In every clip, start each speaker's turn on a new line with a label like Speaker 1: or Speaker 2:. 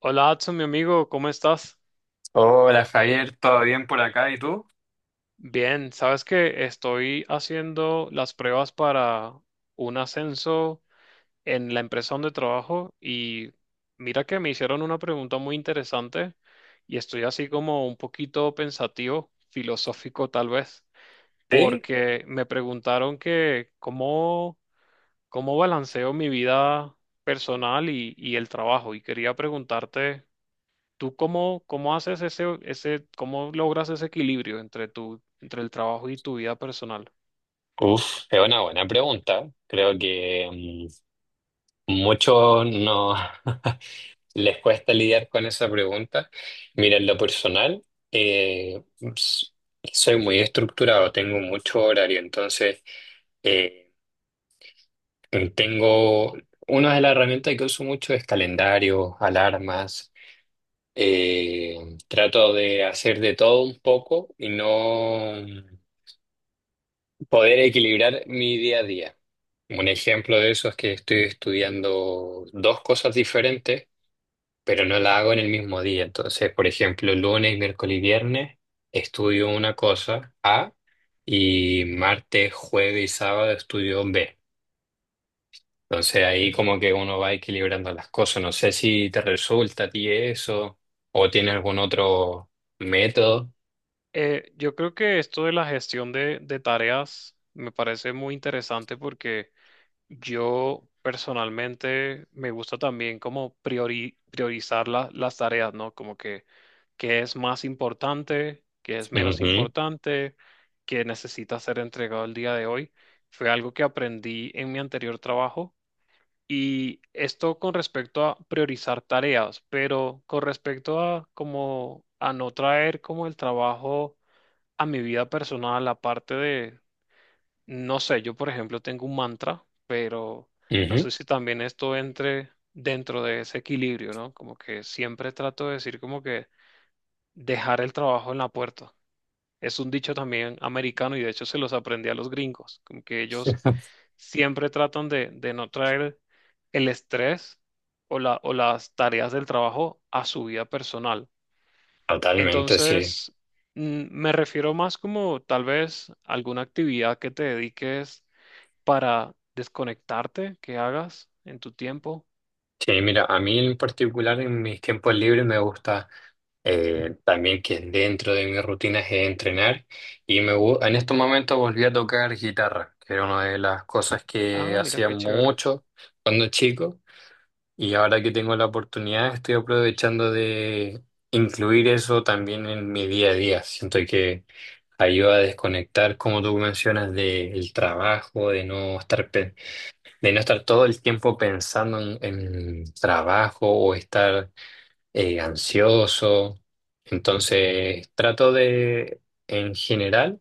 Speaker 1: Hola, Adson, mi amigo, ¿cómo estás?
Speaker 2: Hola Javier, ¿todo bien por acá? ¿Y tú?
Speaker 1: Bien, sabes que estoy haciendo las pruebas para un ascenso en la empresa donde trabajo y mira que me hicieron una pregunta muy interesante y estoy así como un poquito pensativo, filosófico tal vez,
Speaker 2: Sí,
Speaker 1: porque me preguntaron que cómo balanceo mi vida personal y el trabajo y quería preguntarte. ¿Tú cómo haces cómo logras ese equilibrio entre entre el trabajo y tu vida personal?
Speaker 2: uf, es una buena pregunta. Creo que muchos no les cuesta lidiar con esa pregunta. Mira, en lo personal, eh, s- soy muy estructurado, tengo mucho horario, entonces eh, tengo una de las herramientas que uso mucho es calendarios, alarmas. eh, Trato de hacer de todo un poco y no. Poder equilibrar mi día a día. Un ejemplo de eso es que estoy estudiando dos cosas diferentes, pero no la hago en el mismo día. Entonces, por ejemplo, lunes, miércoles y viernes estudio una cosa A y martes, jueves y sábado estudio B. Entonces ahí como que uno va equilibrando las cosas. ¿No sé si te resulta a ti eso o tienes algún otro método?
Speaker 1: Yo creo que esto de la gestión de tareas me parece muy interesante porque yo personalmente me gusta también como priorizar las tareas, ¿no? Como que qué es más importante, qué es menos
Speaker 2: Ujú,
Speaker 1: importante, qué necesita ser entregado el día de hoy. Fue algo que aprendí en mi anterior trabajo. Y esto con respecto a priorizar tareas, pero con respecto a como a no traer como el trabajo a mi vida personal, aparte de, no sé, yo por ejemplo tengo un mantra, pero no
Speaker 2: ujú.
Speaker 1: sé si también esto entre dentro de ese equilibrio, ¿no? Como que siempre trato de decir como que dejar el trabajo en la puerta. Es un dicho también americano y de hecho se los aprendí a los gringos, como que ellos siempre tratan de no traer el estrés o o las tareas del trabajo a su vida personal.
Speaker 2: Totalmente, sí.
Speaker 1: Entonces, me refiero más como tal vez alguna actividad que te dediques para desconectarte, que hagas en tu tiempo.
Speaker 2: Sí, mira, a mí en particular en mis tiempos libres me gusta también que dentro de mis rutinas es entrenar y en estos momentos volví a tocar guitarra, que era una de las cosas
Speaker 1: Ah,
Speaker 2: que
Speaker 1: mira
Speaker 2: hacía
Speaker 1: qué chévere.
Speaker 2: mucho cuando chico, y ahora que tengo la oportunidad estoy aprovechando de incluir eso también en mi día a día. Siento que ayuda a desconectar, como tú mencionas, del trabajo, de no estar todo el tiempo pensando en trabajo o estar ansioso. Entonces, trato de, en general,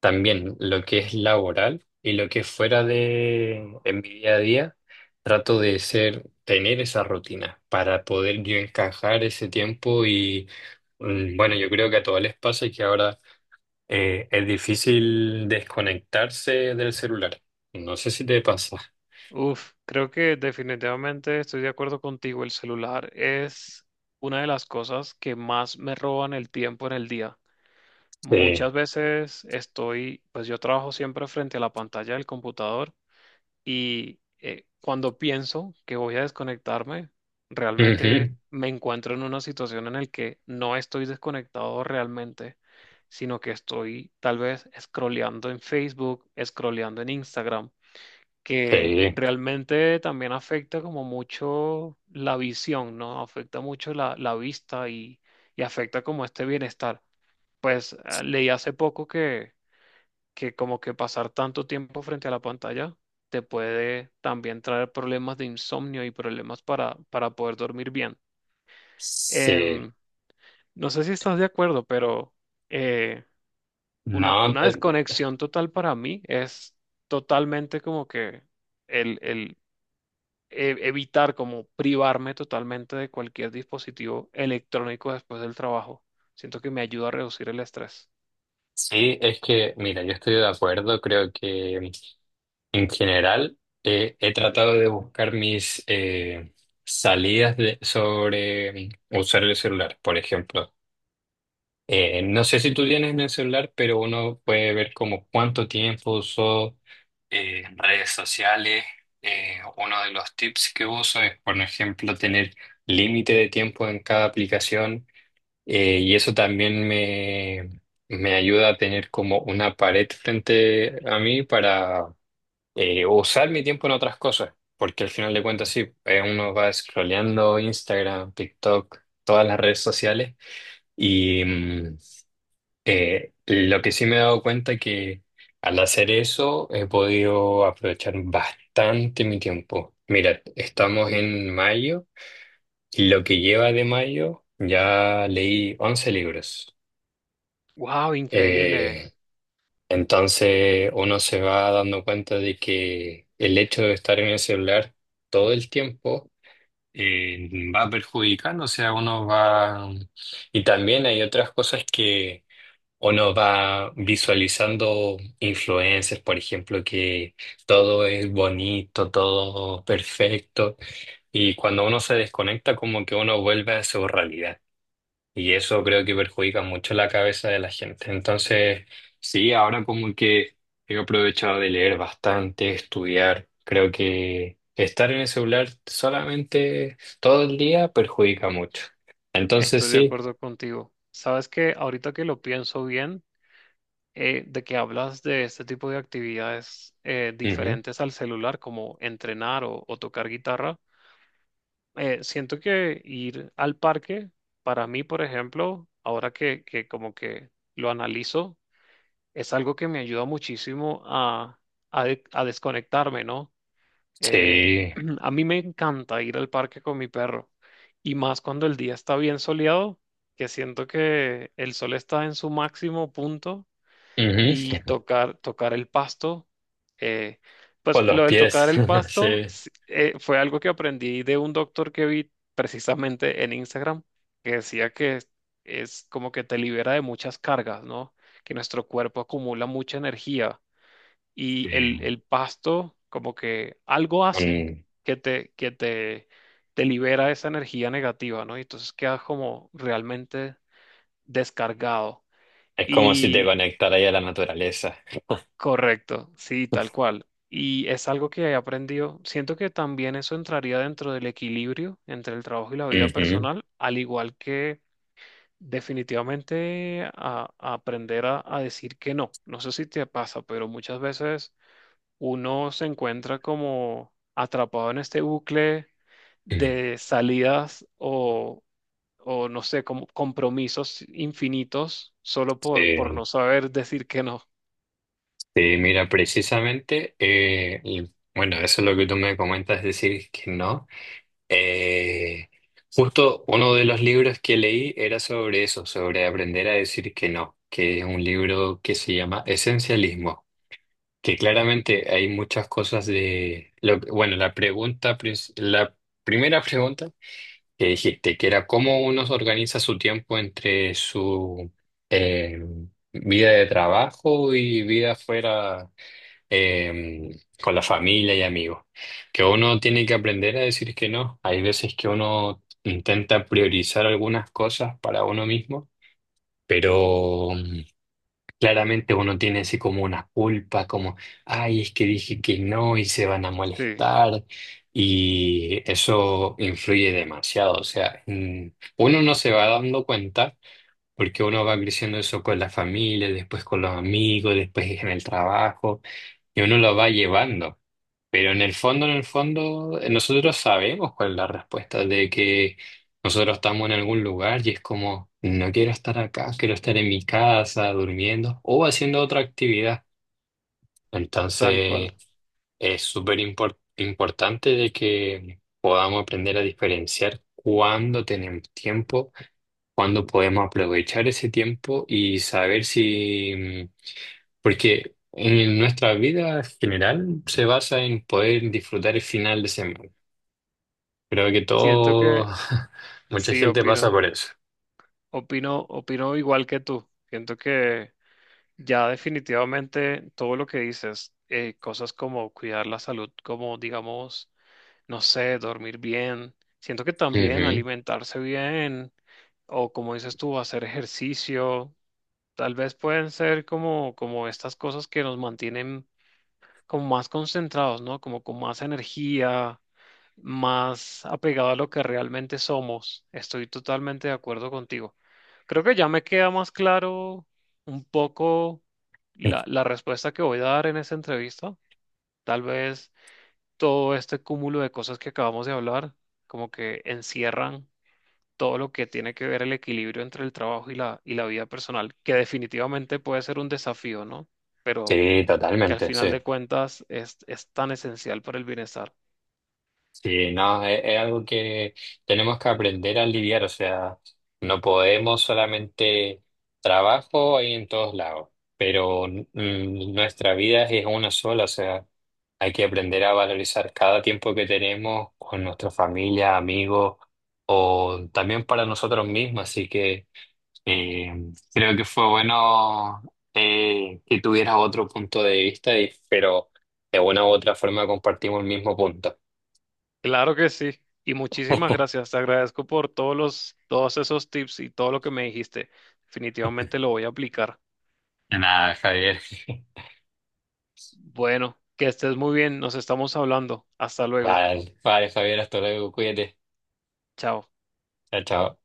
Speaker 2: también lo que es laboral y lo que es fuera de, en mi día a día, trato de ser, tener esa rutina para poder yo encajar ese tiempo y, bueno, yo creo que a todos les pasa y que ahora es difícil desconectarse del celular. No sé si te pasa.
Speaker 1: Uf, creo que definitivamente estoy de acuerdo contigo. El celular es una de las cosas que más me roban el tiempo en el día.
Speaker 2: Sí.
Speaker 1: Muchas veces estoy, pues yo trabajo siempre frente a la pantalla del computador y cuando pienso que voy a desconectarme, realmente
Speaker 2: Ujú.
Speaker 1: me encuentro en una situación en la que no estoy desconectado realmente, sino que estoy tal vez scrolleando en Facebook, scrolleando en Instagram que
Speaker 2: Sí,
Speaker 1: realmente también afecta como mucho la visión, ¿no? Afecta mucho la vista y afecta como este bienestar. Pues leí hace poco que como que pasar tanto tiempo frente a la pantalla te puede también traer problemas de insomnio y problemas para poder dormir bien.
Speaker 2: sí.
Speaker 1: Em, no sé si estás de acuerdo, pero eh,
Speaker 2: No,
Speaker 1: una desconexión total para mí es totalmente como que evitar como privarme totalmente de cualquier dispositivo electrónico después del trabajo. Siento que me ayuda a reducir el estrés.
Speaker 2: sí, es que, mira, yo estoy de acuerdo, creo que en general he tratado de buscar mis sobre usar el celular, por ejemplo. No sé si tú tienes en el celular, pero uno puede ver como cuánto tiempo usó redes sociales. Uno de los tips que uso es, por ejemplo, tener límite de tiempo en cada aplicación. Y eso también me ayuda a tener como una pared frente a mí para usar mi tiempo en otras cosas, porque al final de cuentas sí, uno va scrolleando Instagram, TikTok, todas las redes sociales y lo que sí me he dado cuenta que al hacer eso he podido aprovechar bastante mi tiempo. Mira, estamos en mayo y lo que lleva de mayo ya leí 11 libros.
Speaker 1: ¡Wow! Increíble.
Speaker 2: Eh, entonces uno se va dando cuenta de que el hecho de estar en el celular todo el tiempo eh, va perjudicando, o sea, uno va... Y también hay otras cosas que uno va visualizando influencers, por ejemplo, que todo es bonito, todo perfecto, y cuando uno se desconecta como que uno vuelve a su realidad. Y eso creo que perjudica mucho la cabeza de la gente. Entonces, sí, ahora como que he aprovechado de leer bastante, estudiar. Creo que estar en el celular solamente todo el día perjudica mucho. Entonces,
Speaker 1: Estoy de
Speaker 2: sí.
Speaker 1: acuerdo contigo. Sabes que ahorita que lo pienso bien, de que hablas de este tipo de actividades
Speaker 2: Ujú.
Speaker 1: diferentes al celular, como entrenar o tocar guitarra, siento que ir al parque, para mí, por ejemplo, ahora que como que lo analizo, es algo que me ayuda muchísimo a, a desconectarme, ¿no? Eh,
Speaker 2: Sí.
Speaker 1: a mí me encanta ir al parque con mi perro y más cuando el día está bien soleado, que siento que el sol está en su máximo punto
Speaker 2: Ujú.
Speaker 1: y tocar el pasto. eh,
Speaker 2: Por
Speaker 1: pues
Speaker 2: los
Speaker 1: lo del tocar
Speaker 2: pies.
Speaker 1: el pasto
Speaker 2: Sí.
Speaker 1: sí, fue algo que aprendí de un doctor que vi precisamente en Instagram, que decía que es como que te libera de muchas cargas, ¿no? Que nuestro cuerpo acumula mucha energía y
Speaker 2: Sí.
Speaker 1: el pasto como que algo hace
Speaker 2: Mm.
Speaker 1: que te, que te, te libera esa energía negativa, ¿no? Y entonces quedas como realmente descargado.
Speaker 2: Es como si te
Speaker 1: Y
Speaker 2: conectara ahí a la naturaleza.
Speaker 1: correcto, sí, tal cual. Y es algo que he aprendido. Siento que también eso entraría dentro del equilibrio entre el trabajo y la vida
Speaker 2: Ujú.
Speaker 1: personal, al igual que definitivamente a aprender a decir que no. No sé si te pasa, pero muchas veces uno se encuentra como atrapado en este bucle de salidas o no sé, como compromisos infinitos solo por
Speaker 2: Sí.
Speaker 1: no saber decir que no.
Speaker 2: Sí, mira, precisamente, y bueno, eso es lo que tú me comentas, es decir, que no. Eh, justo uno de los libros que leí era sobre eso, sobre aprender a decir que no, que es un libro que se llama Esencialismo, que claramente hay muchas cosas de, lo, que- bueno, la pregunta, la primera pregunta que dijiste, que era cómo uno organiza su tiempo entre su eh, vida de trabajo y vida fuera con la familia y amigos. Que uno tiene que aprender a decir que no. Hay veces que uno intenta priorizar algunas cosas para uno mismo, pero claramente uno tiene así como una culpa, como, ay, es que dije que no y se van a
Speaker 1: Sí,
Speaker 2: molestar. Y eso influye demasiado. O sea, uno no se va dando cuenta. Porque uno va creciendo eso con la familia, después con los amigos, después en el trabajo, y uno lo va llevando. Pero en el fondo, nosotros sabemos cuál es la respuesta de que nosotros estamos en algún lugar y es como, no quiero estar acá, quiero estar en mi casa, durmiendo o haciendo otra actividad.
Speaker 1: tal
Speaker 2: Entonces,
Speaker 1: cual.
Speaker 2: es súper importante de que podamos aprender a diferenciar cuándo tenemos tiempo, cuándo podemos aprovechar ese tiempo y saber si porque en nuestra vida general se basa en poder disfrutar el final de semana. Creo que
Speaker 1: Siento
Speaker 2: todo,
Speaker 1: que
Speaker 2: mucha
Speaker 1: sí,
Speaker 2: gente pasa por eso.
Speaker 1: opino igual que tú. Siento que ya definitivamente todo lo que dices, cosas como cuidar la salud, como digamos, no sé, dormir bien. Siento que también
Speaker 2: Ujú.
Speaker 1: alimentarse bien o como dices tú, hacer ejercicio, tal vez pueden ser como estas cosas que nos mantienen como más concentrados, ¿no? Como con más energía, más apegado a lo que realmente somos. Estoy totalmente de acuerdo contigo. Creo que ya me queda más claro un poco la respuesta que voy a dar en esta entrevista. Tal vez todo este cúmulo de cosas que acabamos de hablar, como que encierran todo lo que tiene que ver el equilibrio entre el trabajo y y la vida personal, que definitivamente puede ser un desafío, ¿no? Pero
Speaker 2: Sí,
Speaker 1: que al
Speaker 2: totalmente,
Speaker 1: final de
Speaker 2: sí.
Speaker 1: cuentas es tan esencial para el bienestar.
Speaker 2: Sí, no, es algo que tenemos que aprender a lidiar, o sea, no podemos solamente trabajo ahí en todos lados, pero nuestra vida es una sola, o sea, hay que aprender a valorizar cada tiempo que tenemos con nuestra familia, amigos, o también para nosotros mismos, así que eh, creo que fue bueno que tuvieras otro punto de vista, pero de una u otra forma compartimos el mismo punto.
Speaker 1: Claro que sí. Y muchísimas gracias. Te agradezco por todos esos tips y todo lo que me dijiste. Definitivamente lo voy a aplicar.
Speaker 2: Nada, Javier.
Speaker 1: Bueno, que estés muy bien. Nos estamos hablando. Hasta luego.
Speaker 2: Vale, vale, Javier, hasta luego, cuídate.
Speaker 1: Chao.
Speaker 2: Chao, chao.